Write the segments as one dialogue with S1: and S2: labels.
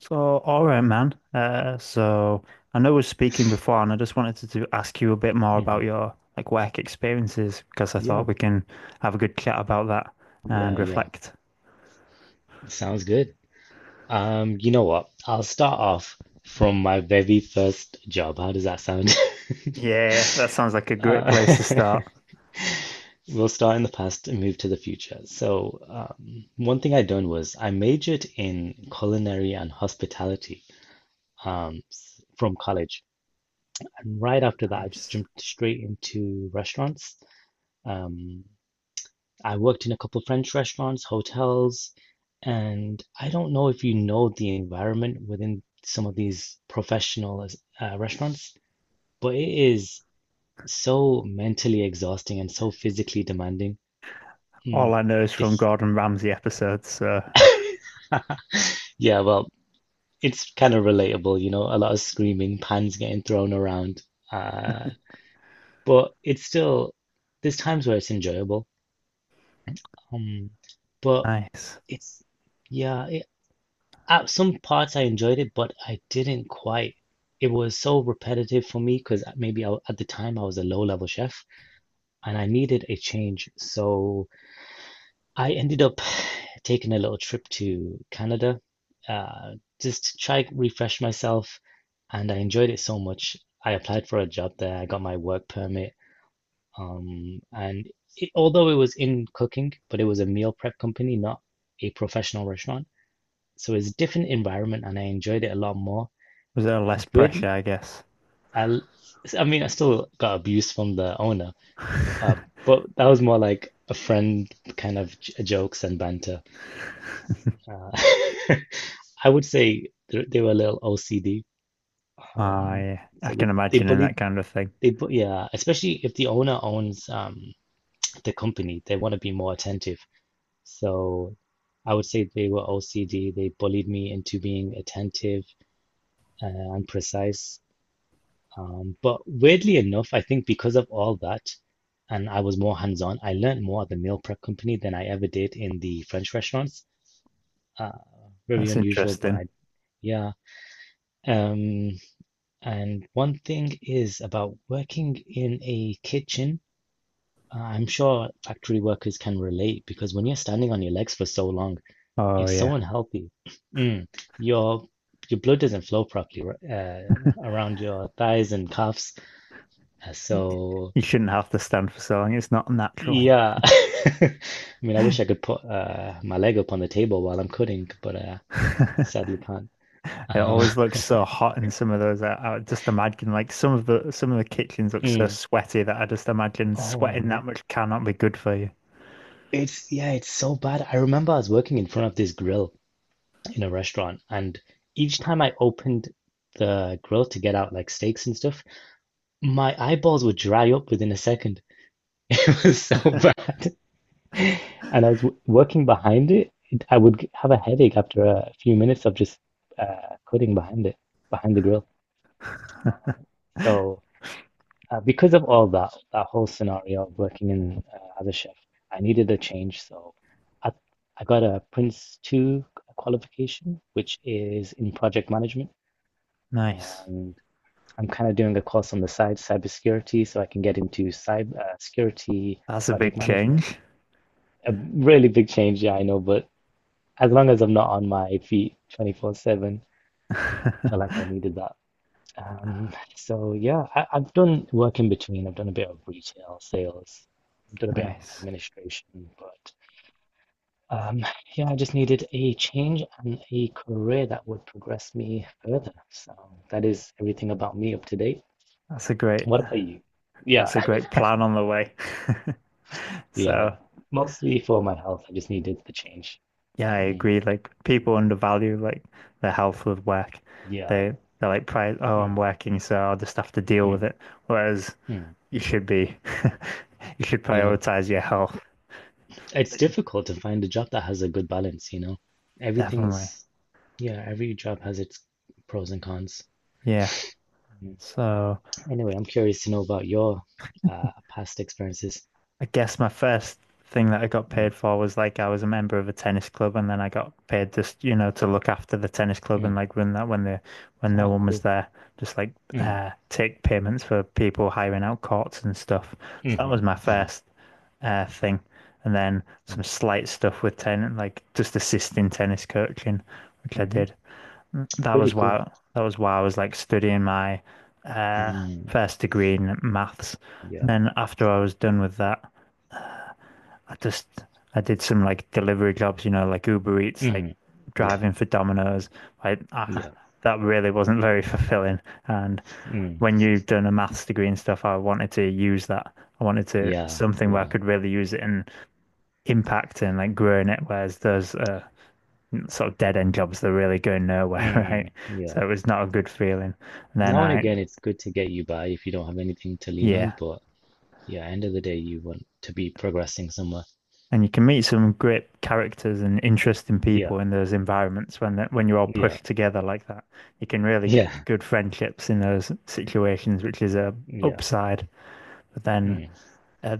S1: So, all right, man. So I know we are speaking before, and I just wanted to ask you a bit more about
S2: Mhm.
S1: your like work experiences because I thought
S2: Yeah,
S1: we can have a good chat about that and
S2: yeah, yeah.
S1: reflect.
S2: Sounds good. You know what? I'll start off from my very first job. How does that sound?
S1: Yeah, that sounds like a great
S2: Uh,
S1: place to start.
S2: we'll start in the past and move to the future. So, one thing I'd done was I majored in culinary and hospitality, from college. And right after that, I just
S1: Nice.
S2: jumped straight into restaurants. Um, I worked in a couple French restaurants, hotels, and I don't know if you know the environment within some of these professional restaurants, but it is so mentally exhausting and so physically demanding.
S1: All
S2: Mm,
S1: I know is
S2: the-
S1: from Gordon Ramsay episodes, so
S2: yeah, well, it's kind of relatable, you know, a lot of screaming, pans getting thrown around. Uh, but it's still, there's times where it's enjoyable. Um, but
S1: nice.
S2: it's, yeah, At some parts I enjoyed it, but I didn't quite. It was so repetitive for me because at the time I was a low-level chef and I needed a change. So I ended up taking a little trip to Canada, uh, just to try refresh myself, and I enjoyed it so much. I applied for a job there. I got my work permit, and it, although it was in cooking, but it was a meal prep company, not a professional restaurant. So it's a different environment, and I enjoyed it a lot more.
S1: Was there less pressure,
S2: Weirdly,
S1: I guess?
S2: I, I mean, I still got abuse from the owner, uh, but that was more like a friend kind of j jokes and banter. Uh, I would say they were a little OCD, um,
S1: I
S2: so
S1: can
S2: they
S1: imagine in
S2: bullied
S1: that kind of thing.
S2: they bu yeah, especially if the owner owns the company, they want to be more attentive. So I would say they were OCD. They bullied me into being attentive uh, and precise. But weirdly enough, I think because of all that, and I was more hands-on, I learned more at the meal prep company than I ever did in the French restaurants. Uh, very
S1: That's
S2: unusual,
S1: interesting.
S2: yeah. Um, and one thing is about working in a kitchen. I'm sure factory workers can relate because when you're standing on your legs for so long,
S1: Oh
S2: it's so
S1: yeah.
S2: unhealthy. Mm, your blood doesn't flow properly around your thighs and calves. Uh,
S1: Y-
S2: so.
S1: You shouldn't have to stand for so long. It's not natural.
S2: Yeah. I mean, I wish I could put my leg up on the table while I'm coding, but sadly can't.
S1: It
S2: Uh,
S1: always looks so hot in some of those. I just imagine like some of the kitchens look so
S2: mm.
S1: sweaty that I just imagine
S2: Oh
S1: sweating that
S2: man,
S1: much cannot be good for you.
S2: it's so bad. I remember I was working in front of this grill in a restaurant, and each time I opened the grill to get out like steaks and stuff, my eyeballs would dry up within a second. It was so bad. And I was w working behind it. I would have a headache after a few minutes of just coding behind it, behind the grill. So, because of all that, that whole scenario of working in as a chef, I needed a change. So, I, I got a Prince 2 qualification, which is in project management.
S1: Nice.
S2: And I'm kind of doing a course on the side, cybersecurity, so I can get into cyber security,
S1: That's a
S2: project
S1: big
S2: management.
S1: change.
S2: A really big change, yeah, I know, but as long as I'm not on my feet 24/7, I feel like I needed that. So yeah, I've done work in between. I've done a bit of retail sales, I've done a bit of
S1: Nice.
S2: administration, but um, yeah, I just needed a change and a career that would progress me further. So that is everything about me up to date.
S1: That's a great
S2: What about you? Yeah,
S1: that's a great plan on the way.
S2: yeah,
S1: So
S2: mostly for my health. I just needed the change.
S1: yeah, I
S2: Mm,
S1: agree. Like people undervalue like their health with work.
S2: yeah,
S1: They they're like pri oh I'm
S2: mm,
S1: working, so I'll just have to deal with
S2: mm,
S1: it. Whereas
S2: mm,
S1: you should be you should
S2: yeah.
S1: prioritize your health.
S2: It's difficult to find a job that has a good balance, you know.
S1: Definitely.
S2: Everything's, yeah, every job has its pros and cons.
S1: Yeah.
S2: Mm.
S1: So
S2: Anyway, I'm curious to know about your past experiences.
S1: I guess my first thing that I got
S2: Mm,
S1: paid for was like I was a member of a tennis club, and then I got paid just, you know, to look after the tennis club and
S2: mm.
S1: like run that when no
S2: Ah,
S1: one was
S2: cool.
S1: there, just like
S2: Mm,
S1: take payments for people hiring out courts and stuff. So that was
S2: mm,
S1: my
S2: mm,
S1: first thing, and then
S2: mm,
S1: some slight stuff with tennis, like just assisting tennis coaching, which I
S2: hmm.
S1: did. that
S2: Pretty
S1: was
S2: cool.
S1: why that was why I was like studying my uh
S2: Mm,
S1: first degree in maths. And
S2: yeah.
S1: then after I was done with that, I just I did some like delivery jobs, you know, like Uber Eats, like
S2: Mm-hmm. Yeah.
S1: driving for Domino's. Like I,
S2: Yeah.
S1: that really wasn't very fulfilling. And
S2: Mm,
S1: when you've done a maths degree and stuff, I wanted to use that. I wanted to
S2: yeah.
S1: something where I
S2: Yeah.
S1: could really use it and impact and like grow in it. Whereas those sort of dead end jobs that really go nowhere, right?
S2: Mm,
S1: So
S2: yeah.
S1: it was not a good feeling. And then
S2: Now and
S1: I,
S2: again, it's good to get you by if you don't have anything to lean
S1: yeah,
S2: on, but yeah, end of the day, you want to be progressing somewhere.
S1: and you can meet some great characters and interesting
S2: Yeah.
S1: people in those environments when you're all
S2: Yeah.
S1: pushed together like that. You can really
S2: Yeah.
S1: get good friendships in those situations, which is a
S2: Yeah.
S1: upside. But then
S2: Mm.
S1: uh,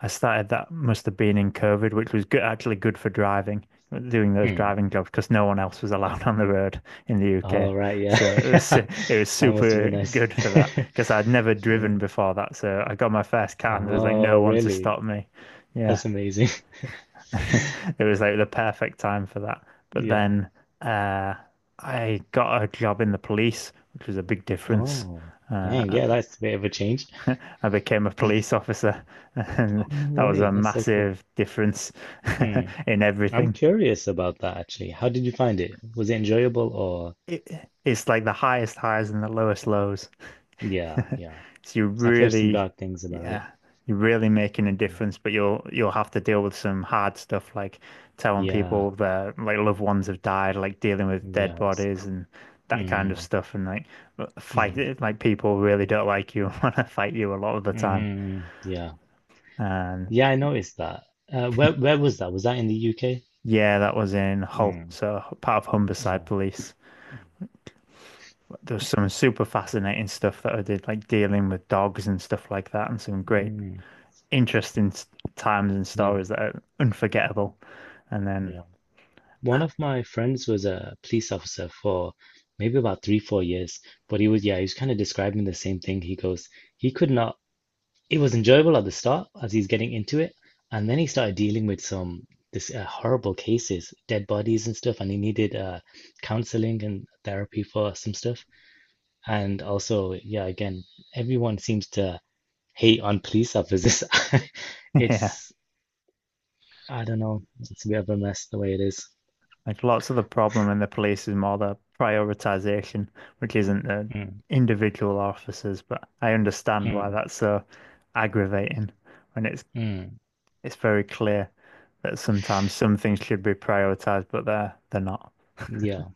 S1: I started that must have been in COVID, which was good, actually good for driving, doing those
S2: Mm.
S1: driving jobs because no one else was allowed on the road in the UK.
S2: All right. Yeah.
S1: So it was
S2: That must have
S1: super
S2: been nice.
S1: good for that because I'd never driven
S2: Mm.
S1: before that. So I got my first car and there was like
S2: Oh,
S1: no one to
S2: really?
S1: stop me. Yeah,
S2: That's amazing.
S1: it was like the perfect time for that. But
S2: Yeah.
S1: then uh, I got a job in the police, which was a big difference.
S2: Oh,
S1: Uh,
S2: dang. Yeah, that's a bit of a change.
S1: I became a police officer,
S2: Oh,
S1: and
S2: no
S1: that was
S2: way.
S1: a
S2: That's so cool.
S1: massive difference
S2: Mm.
S1: in
S2: I'm
S1: everything.
S2: curious about that actually. How did you find it? Was it enjoyable or?
S1: It's like the highest highs and the lowest lows.
S2: Yeah. Yeah.
S1: So
S2: I've heard some dark things about it.
S1: yeah, you're really making a
S2: Mm.
S1: difference, but you'll have to deal with some hard stuff like telling
S2: Yeah.
S1: people their like loved ones have died, like dealing with dead
S2: Yeah. That's it.
S1: bodies and that kind of
S2: Mm.
S1: stuff, and like fight
S2: Mm.
S1: it. like People really don't like you and want to fight you a lot of the
S2: Mm.
S1: time.
S2: Mm, yeah.
S1: And
S2: Yeah. I noticed that. Where was that? Was that in the UK?
S1: yeah, that was in Hull,
S2: Mm,
S1: so part of Humberside
S2: no.
S1: Police.
S2: Mm,
S1: There was some super fascinating stuff that I did, like dealing with dogs and stuff like that, and some great,
S2: mm,
S1: interesting times and
S2: yeah,
S1: stories that are unforgettable. And then,
S2: yeah. One of my friends was a police officer for maybe about three, 4 years, but yeah, he was kind of describing the same thing. He goes, he could not, it was enjoyable at the start as he's getting into it, and then he started dealing with some this horrible cases, dead bodies and stuff, and he needed counseling and therapy for some stuff. And also, yeah, again, everyone seems to hate on police officers.
S1: yeah,
S2: It's I don't know. It's a bit of a mess the way it is.
S1: like lots of the problem in the police is more the prioritization, which isn't the
S2: Mm,
S1: individual officers, but I understand why
S2: mm,
S1: that's so aggravating when
S2: mm,
S1: it's very clear that sometimes some things should be prioritized, but they're not.
S2: yeah.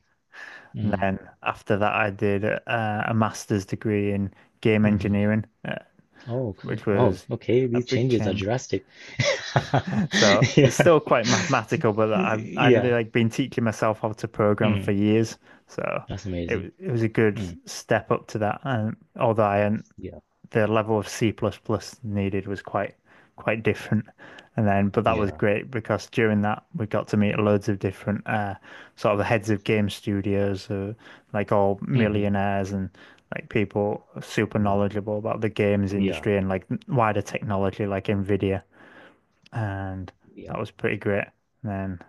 S1: And
S2: Mm,
S1: then after that, I did a master's degree in game
S2: hmm.
S1: engineering,
S2: Oh, cool.
S1: which
S2: Oh,
S1: was
S2: okay.
S1: a
S2: These
S1: big
S2: changes are
S1: change.
S2: drastic.
S1: So
S2: Yeah.
S1: it's still quite mathematical, but I'd
S2: Yeah.
S1: like been teaching myself how to program for
S2: Mm,
S1: years. So
S2: that's amazing.
S1: it was a good
S2: Mm,
S1: step up to that. And although I hadn't
S2: yeah.
S1: the level of C++ plus plus needed was quite different. And then, but that was
S2: Yeah.
S1: great because during that we got to meet loads of different sort of heads of game studios, like all
S2: Hmm.
S1: millionaires and like people super
S2: Wow.
S1: knowledgeable about the games
S2: Yeah.
S1: industry and like wider technology, like Nvidia. And
S2: Yeah.
S1: that was pretty great. And then,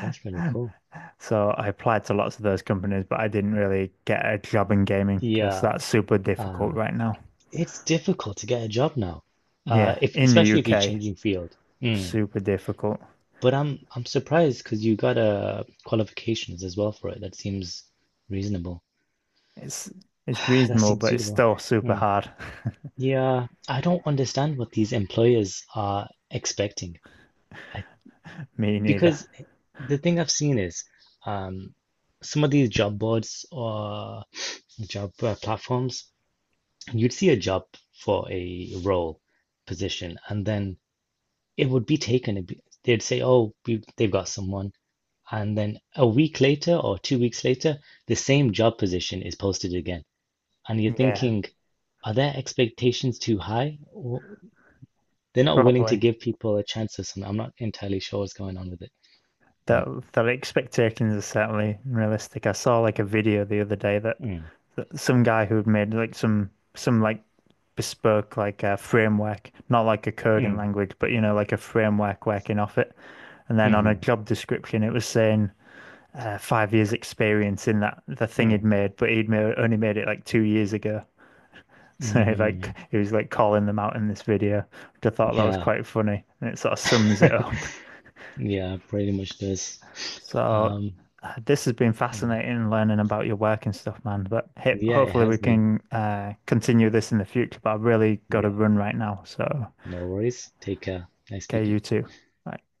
S2: That's really cool.
S1: so I applied to lots of those companies, but I didn't really get a job in gaming because
S2: Yeah.
S1: that's super difficult
S2: Uh,
S1: right now.
S2: it's difficult to get a job now.
S1: Yeah,
S2: If
S1: in the
S2: Especially if you're
S1: UK,
S2: changing field. Mm.
S1: super difficult.
S2: But I'm surprised because you got qualifications as well for it. That seems reasonable.
S1: It's it's
S2: That
S1: reasonable,
S2: seems
S1: but it's
S2: suitable.
S1: still super
S2: Hmm.
S1: hard.
S2: Yeah, I don't understand what these employers are expecting. I
S1: Me neither.
S2: because the thing I've seen is um some of these job boards or job platforms, you'd see a job for a role position, and then it would be taken. It'd be, they'd say, "Oh, they've got someone." And then a week later or 2 weeks later, the same job position is posted again. And you're
S1: Yeah,
S2: thinking, are their expectations too high? Or they're not willing to
S1: probably.
S2: give people a chance or something. I'm not entirely sure what's going on with it.
S1: That
S2: Mm,
S1: the expectations are certainly realistic. I saw like a video the other day
S2: mm,
S1: that some guy who had made like some like bespoke like a framework, not like a coding
S2: mm,
S1: language, but you know like a framework working off it. And then on a
S2: mhm,
S1: job description, it was saying 5 years experience in that the thing he'd
S2: mm,
S1: made, but only made it like 2 years ago. So like
S2: mm.
S1: he was like calling them out in this video, which I thought that was
S2: Yeah.
S1: quite funny, and it sort of sums it up.
S2: Yeah, pretty much does.
S1: So
S2: Um,
S1: this has been
S2: mm.
S1: fascinating learning about your work and stuff, man. But hey,
S2: Yeah, it
S1: hopefully we
S2: has been.
S1: can continue this in the future. But I've really got to
S2: Yeah,
S1: run right now, so
S2: no worries. Take care. Nice
S1: okay,
S2: speaking.
S1: you too. Bye.